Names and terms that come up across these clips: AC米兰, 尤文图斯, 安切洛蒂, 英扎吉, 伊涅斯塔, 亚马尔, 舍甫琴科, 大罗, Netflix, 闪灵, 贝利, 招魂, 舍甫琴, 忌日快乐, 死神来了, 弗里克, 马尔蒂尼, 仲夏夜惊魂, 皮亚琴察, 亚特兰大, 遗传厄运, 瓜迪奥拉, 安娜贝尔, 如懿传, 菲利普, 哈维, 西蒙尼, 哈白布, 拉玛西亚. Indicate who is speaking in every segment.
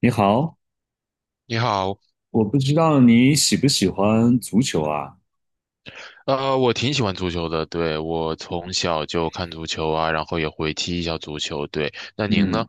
Speaker 1: 你好，
Speaker 2: 你好。
Speaker 1: 我不知道你喜不喜欢足球啊？
Speaker 2: 我挺喜欢足球的，对，我从小就看足球啊，然后也会踢一下足球，对。那您呢？
Speaker 1: 嗯，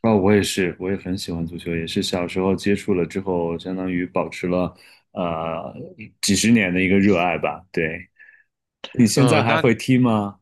Speaker 1: 啊，我也是，我也很喜欢足球，也是小时候接触了之后，相当于保持了呃几十年的一个热爱吧。对，你现
Speaker 2: 呃，
Speaker 1: 在还
Speaker 2: 那
Speaker 1: 会踢吗？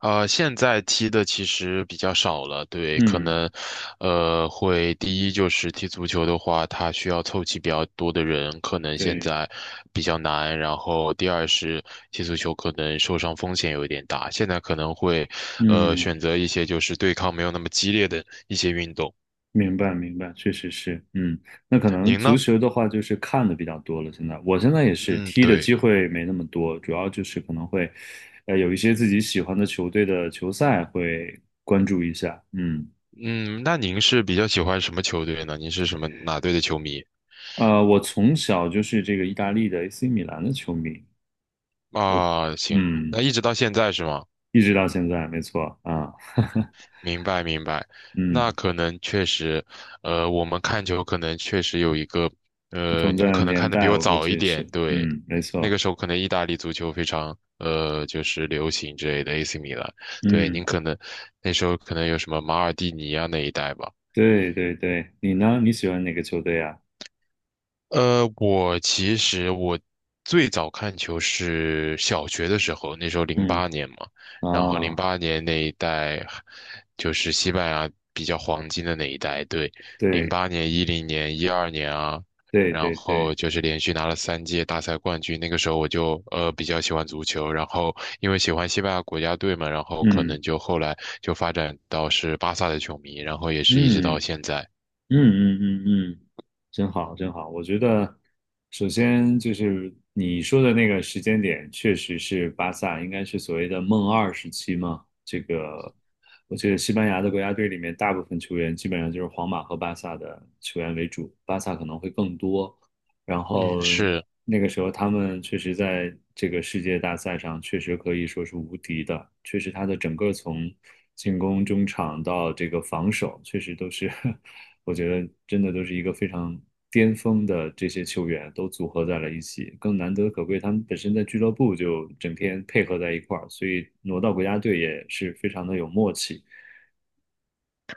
Speaker 2: 现在踢的其实比较少了，对，可
Speaker 1: 嗯，
Speaker 2: 能，会第一就是踢足球的话，它需要凑齐比较多的人，可能现
Speaker 1: 对，
Speaker 2: 在比较难。然后第二是踢足球可能受伤风险有一点大，现在可能会，
Speaker 1: 嗯。
Speaker 2: 选择一些就是对抗没有那么激烈的一些运动。
Speaker 1: 明白，明白，确实是，嗯，那可能
Speaker 2: 您
Speaker 1: 足
Speaker 2: 呢？
Speaker 1: 球的话就是看的比较多了。现在，我现在也是
Speaker 2: 嗯，
Speaker 1: 踢的
Speaker 2: 对。
Speaker 1: 机会没那么多，主要就是可能会，有一些自己喜欢的球队的球赛会关注一下。嗯，
Speaker 2: 嗯，那您是比较喜欢什么球队呢？您是什么哪队的球迷
Speaker 1: 我从小就是这个意大利的 AC 米兰的球迷，
Speaker 2: 啊？行，
Speaker 1: 嗯，
Speaker 2: 那一直到现在是吗？
Speaker 1: 一直到现在，没错啊，
Speaker 2: 明白明白，那
Speaker 1: 嗯，
Speaker 2: 可能确实，我们看球可能确实有一个，
Speaker 1: 不
Speaker 2: 呃，
Speaker 1: 同
Speaker 2: 您
Speaker 1: 的
Speaker 2: 可能
Speaker 1: 年
Speaker 2: 看的比
Speaker 1: 代，
Speaker 2: 我
Speaker 1: 我估
Speaker 2: 早
Speaker 1: 计
Speaker 2: 一
Speaker 1: 也
Speaker 2: 点，
Speaker 1: 是，
Speaker 2: 对，
Speaker 1: 嗯，没
Speaker 2: 那
Speaker 1: 错，
Speaker 2: 个时候可能意大利足球非常，就是流行之类的 AC 米兰，对，您
Speaker 1: 嗯，
Speaker 2: 可能那时候可能有什么马尔蒂尼啊那一代吧。
Speaker 1: 对对对，你呢？你喜欢哪个球队啊？
Speaker 2: 我其实我最早看球是小学的时候，那时候零
Speaker 1: 嗯
Speaker 2: 八年嘛，然后零
Speaker 1: 啊，
Speaker 2: 八年那一代就是西班牙比较黄金的那一代，对，零
Speaker 1: 对。
Speaker 2: 八年、10年、12年啊，
Speaker 1: 对
Speaker 2: 然
Speaker 1: 对
Speaker 2: 后
Speaker 1: 对，
Speaker 2: 就是连续拿了3届大赛冠军。那个时候我就比较喜欢足球，然后因为喜欢西班牙国家队嘛，然后可
Speaker 1: 嗯
Speaker 2: 能就后来就发展到是巴萨的球迷，然后也是一直
Speaker 1: 嗯
Speaker 2: 到现在。
Speaker 1: 嗯嗯嗯嗯，真好真好。我觉得，首先就是你说的那个时间点，确实是巴萨应该是所谓的"梦二"时期嘛。这个，我觉得西班牙的国家队里面，大部分球员基本上就是皇马和巴萨的球员为主，巴萨可能会更多。然
Speaker 2: 嗯，
Speaker 1: 后
Speaker 2: 是。
Speaker 1: 那个时候他们确实在这个世界大赛上确实可以说是无敌的，确实他的整个从进攻、中场到这个防守，确实都是 我觉得真的都是一个非常巅峰的这些球员都组合在了一起，更难得可贵，他们本身在俱乐部就整天配合在一块儿，所以挪到国家队也是非常的有默契。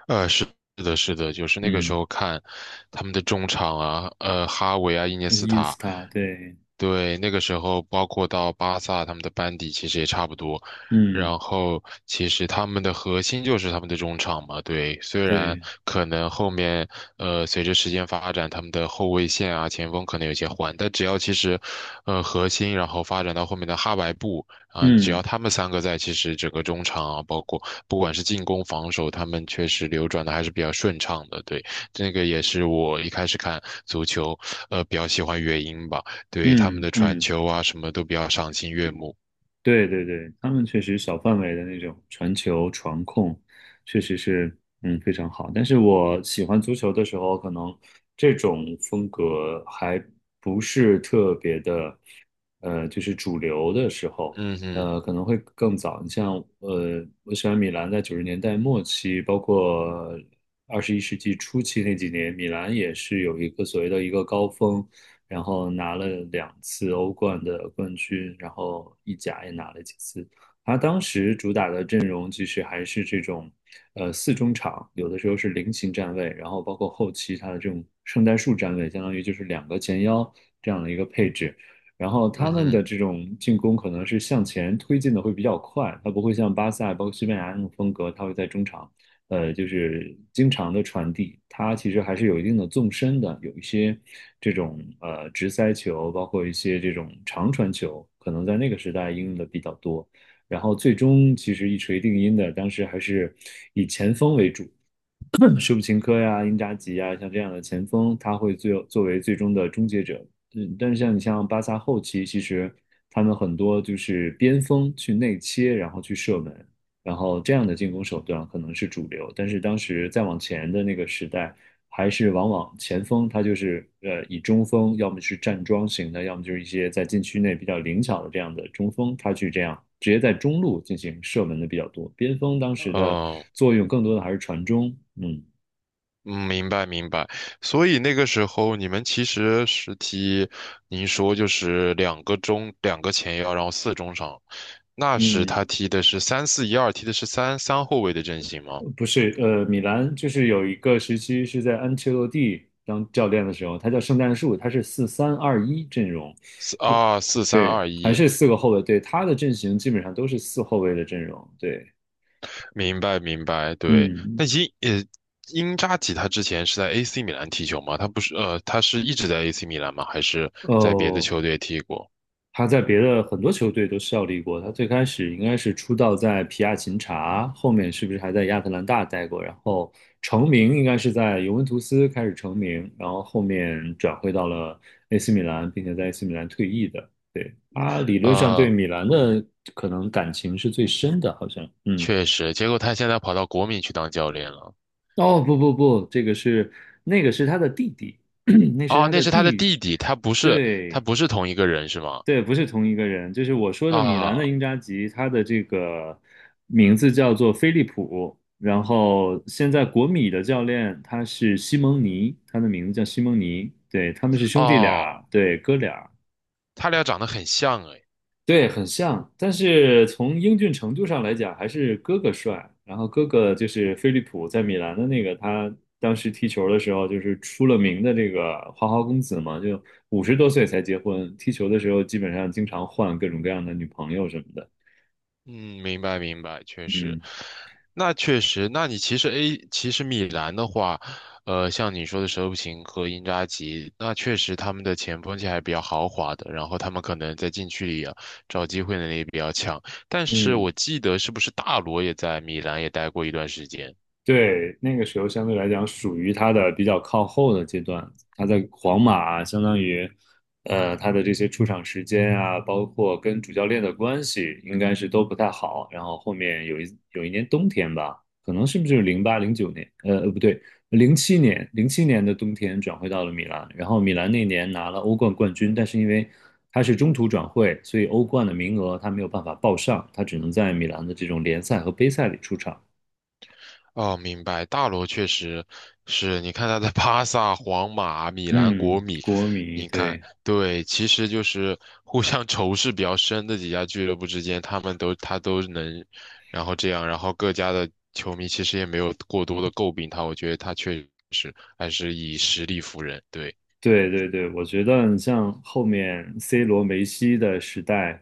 Speaker 2: 是的，是的，就是那个时
Speaker 1: 嗯，
Speaker 2: 候看他们的中场啊，哈维啊，伊涅斯
Speaker 1: 伊斯
Speaker 2: 塔，
Speaker 1: 塔，对，
Speaker 2: 对，那个时候包括到巴萨他们的班底其实也差不多，
Speaker 1: 嗯，
Speaker 2: 然后其实他们的核心就是他们的中场嘛，对，虽然
Speaker 1: 对，
Speaker 2: 可能后面随着时间发展，他们的后卫线啊前锋可能有些换，但只要其实核心，然后发展到后面的哈白布。啊，只要
Speaker 1: 嗯
Speaker 2: 他们三个在，其实整个中场啊，包括不管是进攻、防守，他们确实流转的还是比较顺畅的。对，这个也是我一开始看足球，比较喜欢原因吧。对，他们
Speaker 1: 嗯
Speaker 2: 的传
Speaker 1: 嗯。
Speaker 2: 球啊，什么都比较赏心悦目。
Speaker 1: 对对对，他们确实小范围的那种传球、传控，确实是非常好。但是我喜欢足球的时候，可能这种风格还不是特别的，就是主流的时候，
Speaker 2: 嗯哼，
Speaker 1: 可能会更早。你像我喜欢米兰在90年代末期，包括21世纪初期那几年，米兰也是有一个所谓的一个高峰。然后拿了两次欧冠的冠军，然后意甲也拿了几次。他当时主打的阵容其实还是这种，四中场，有的时候是菱形站位，然后包括后期他的这种圣诞树站位，相当于就是两个前腰这样的一个配置。然后
Speaker 2: 嗯
Speaker 1: 他们的
Speaker 2: 哼，
Speaker 1: 这种进攻可能是向前推进的会比较快，它不会像巴萨、包括西班牙那种风格，它会在中场就是经常的传递，它其实还是有一定的纵深的，有一些这种直塞球，包括一些这种长传球，可能在那个时代应用的比较多。然后最终其实一锤定音的，当时还是以前锋为主，舍甫琴科呀、英扎吉呀，像这样的前锋，他会最作为最终的终结者。嗯，但是像你像巴萨后期，其实他们很多就是边锋去内切，然后去射门，然后这样的进攻手段可能是主流。但是当时再往前的那个时代，还是往往前锋他就是以中锋，要么是站桩型的，要么就是一些在禁区内比较灵巧的这样的中锋，他去这样直接在中路进行射门的比较多。边锋当时的
Speaker 2: 哦，
Speaker 1: 作用更多的还是传中，嗯。
Speaker 2: 嗯，明白明白。所以那个时候你们其实是踢，您说就是两个中两个前腰，然后4中场。那时
Speaker 1: 嗯，
Speaker 2: 他踢的是3-4-1-2，踢的是三后卫的阵型吗？
Speaker 1: 不是，米兰就是有一个时期是在安切洛蒂当教练的时候，他叫圣诞树，他是四三二一阵容，
Speaker 2: 四
Speaker 1: 对，
Speaker 2: 啊，四三
Speaker 1: 对，
Speaker 2: 二
Speaker 1: 还
Speaker 2: 一。
Speaker 1: 是四个后卫，对，他的阵型基本上都是四后卫的阵容，对，
Speaker 2: 明白明白，对。
Speaker 1: 嗯，
Speaker 2: 呃，英扎吉他之前是在 AC 米兰踢球吗？他不是呃，他是一直在 AC 米兰吗？还是在别的
Speaker 1: 哦，
Speaker 2: 球队踢过？
Speaker 1: 他在别的很多球队都效力过。他最开始应该是出道在皮亚琴察，后面是不是还在亚特兰大待过？然后成名应该是在尤文图斯开始成名，然后后面转会到了 AC 米兰，并且在 AC 米兰退役的。对，他理论上对
Speaker 2: 呃，
Speaker 1: 米兰的可能感情是最深的，好像。嗯，
Speaker 2: 确实，结果他现在跑到国米去当教练了。
Speaker 1: 哦，不不不，这个是那个是他的弟弟，那是
Speaker 2: 哦，
Speaker 1: 他
Speaker 2: 那
Speaker 1: 的
Speaker 2: 是他的
Speaker 1: 弟，
Speaker 2: 弟弟，他不是他
Speaker 1: 对。
Speaker 2: 不是同一个人是吗？
Speaker 1: 对，不是同一个人，就是我说的米兰
Speaker 2: 啊，
Speaker 1: 的英扎吉，他的这个名字叫做菲利普，然后现在国米的教练他是西蒙尼，他的名字叫西蒙尼，对，他们是兄弟俩，
Speaker 2: 哦，
Speaker 1: 对，哥俩。
Speaker 2: 他俩长得很像。
Speaker 1: 对，很像，但是从英俊程度上来讲，还是哥哥帅。然后哥哥就是飞利浦，在米兰的那个，他当时踢球的时候就是出了名的这个花花公子嘛，就50多岁才结婚，踢球的时候基本上经常换各种各样的女朋友什么的。
Speaker 2: 嗯，明白明白，确实，
Speaker 1: 嗯
Speaker 2: 那确实，那你其实米兰的话，像你说的舍甫琴和因扎吉，那确实他们的前锋线还是比较豪华的，然后他们可能在禁区里啊找机会能力也比较强，但是我
Speaker 1: 嗯，
Speaker 2: 记得是不是大罗也在米兰也待过一段时间？
Speaker 1: 对，那个时候相对来讲属于他的比较靠后的阶段，他在皇马相当于，他的这些出场时间啊，包括跟主教练的关系，应该是都不太好。然后后面有一年冬天吧，可能是不是零八零九年，不对，零七年的冬天转会到了米兰，然后米兰那年拿了欧冠冠军，但是因为他是中途转会，所以欧冠的名额他没有办法报上，他只能在米兰的这种联赛和杯赛里出场。
Speaker 2: 哦，明白。大罗确实是，你看他的巴萨、皇马、米兰、国
Speaker 1: 嗯，
Speaker 2: 米，
Speaker 1: 国米，
Speaker 2: 你看，
Speaker 1: 对
Speaker 2: 对，其实就是互相仇视比较深的几家俱乐部之间，他都能，然后这样，然后各家的球迷其实也没有过多的诟病他，我觉得他确实还是以实力服人。对，
Speaker 1: 对对对，我觉得你像后面 C 罗、梅西的时代，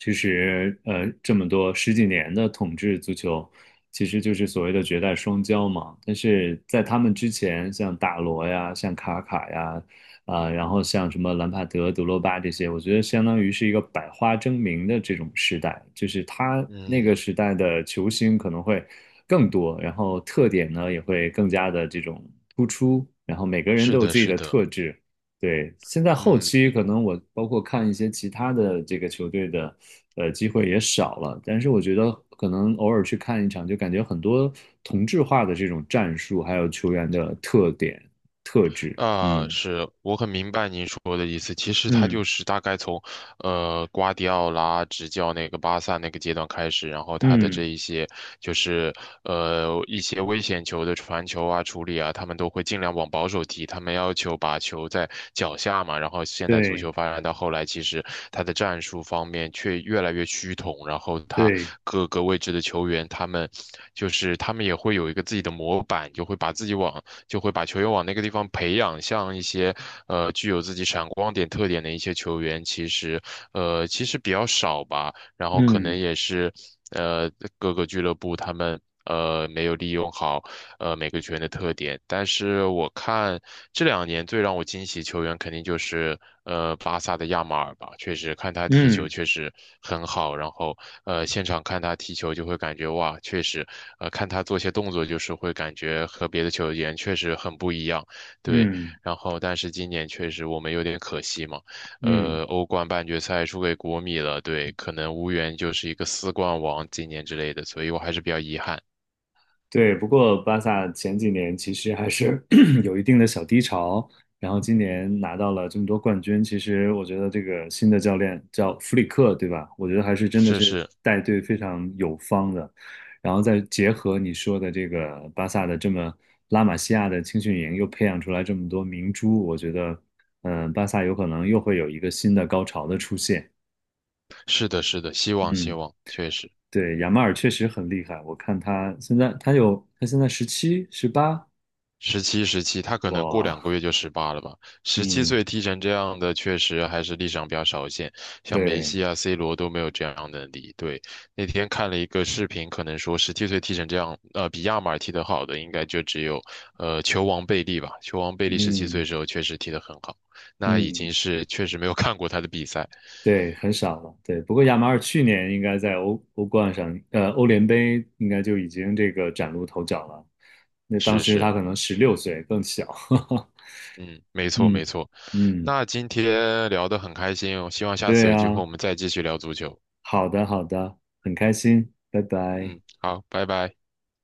Speaker 1: 其实这么多十几年的统治足球，其实就是所谓的绝代双骄嘛。但是在他们之前，像大罗呀、像卡卡呀，啊、然后像什么兰帕德、德罗巴这些，我觉得相当于是一个百花争鸣的这种时代，就是他那个
Speaker 2: 嗯，
Speaker 1: 时代的球星可能会。更多，然后特点呢也会更加的这种突出，然后每个人
Speaker 2: 是
Speaker 1: 都有
Speaker 2: 的，
Speaker 1: 自己
Speaker 2: 是
Speaker 1: 的
Speaker 2: 的，
Speaker 1: 特质。对，现在后
Speaker 2: 嗯，
Speaker 1: 期可能我包括看一些其他的这个球队的，机会也少了。但是我觉得可能偶尔去看一场，就感觉很多同质化的这种战术，还有球员的特点、特质。
Speaker 2: 啊，
Speaker 1: 嗯
Speaker 2: 是我很明白您说的意思。其实他
Speaker 1: 嗯
Speaker 2: 就是大概从，瓜迪奥拉执教那个巴萨那个阶段开始，然后他的这
Speaker 1: 嗯，
Speaker 2: 一些就是一些危险球的传球啊、处理啊，他们都会尽量往保守踢。他们要求把球在脚下嘛。然后现在足
Speaker 1: 对
Speaker 2: 球发展到后来，其实他的战术方面却越来越趋同。然后他
Speaker 1: 对，
Speaker 2: 各个位置的球员，他们也会有一个自己的模板，就会把自己往。就会把球员往那个地方培养。像一些具有自己闪光点特点的一些球员，其实比较少吧。然后可能
Speaker 1: 嗯
Speaker 2: 也是呃各个俱乐部他们没有利用好每个球员的特点。但是我看这两年最让我惊喜球员肯定就是巴萨的亚马尔吧，确实看他踢球
Speaker 1: 嗯
Speaker 2: 确实很好，然后现场看他踢球就会感觉哇，确实看他做些动作就是会感觉和别的球员确实很不一样，对。
Speaker 1: 嗯
Speaker 2: 然后但是今年确实我们有点可惜嘛。
Speaker 1: 嗯嗯
Speaker 2: 欧冠半决赛输给国米了，对，可能无缘就是一个4冠王今年之类的，所以我还是比较遗憾。
Speaker 1: 对，不过巴萨前几年其实还是 有一定的小低潮，然后今年拿到了这么多冠军，其实我觉得这个新的教练叫弗里克，对吧？我觉得还是真的
Speaker 2: 是
Speaker 1: 是
Speaker 2: 是，
Speaker 1: 带队非常有方的，然后再结合你说的这个巴萨的这么拉玛西亚的青训营，又培养出来这么多明珠，我觉得，嗯、巴萨有可能又会有一个新的高潮的出现。
Speaker 2: 是的，是的，希望希
Speaker 1: 嗯，
Speaker 2: 望，确实，
Speaker 1: 对，亚马尔确实很厉害，我看他现在他有他现在17、18。
Speaker 2: 十七十七，他可能过两
Speaker 1: 哇，
Speaker 2: 个月就18了吧。十七
Speaker 1: 嗯，
Speaker 2: 岁踢成这样的，确实还是历史上比较少见，像梅
Speaker 1: 对，
Speaker 2: 西啊、C 罗都没有这样的能力。对，那天看了一个视频，可能说十七岁踢成这样，比亚马尔踢得好的，应该就只有球王贝利吧。球王贝利十七岁
Speaker 1: 嗯
Speaker 2: 的时候确实踢得很好，那已经
Speaker 1: 嗯，
Speaker 2: 是确实没有看过他的比赛。
Speaker 1: 对，很少了，对。不过亚马尔去年应该在欧冠上，欧联杯应该就已经这个崭露头角了。那当
Speaker 2: 是
Speaker 1: 时他
Speaker 2: 是，
Speaker 1: 可能16岁，更小。
Speaker 2: 嗯，没错没
Speaker 1: 嗯
Speaker 2: 错。
Speaker 1: 嗯，
Speaker 2: 那今天聊得很开心哦，希望下次
Speaker 1: 对
Speaker 2: 有机会
Speaker 1: 啊，
Speaker 2: 我们再继续聊足球。
Speaker 1: 好的好的，很开心，拜拜。
Speaker 2: 嗯，好，拜拜。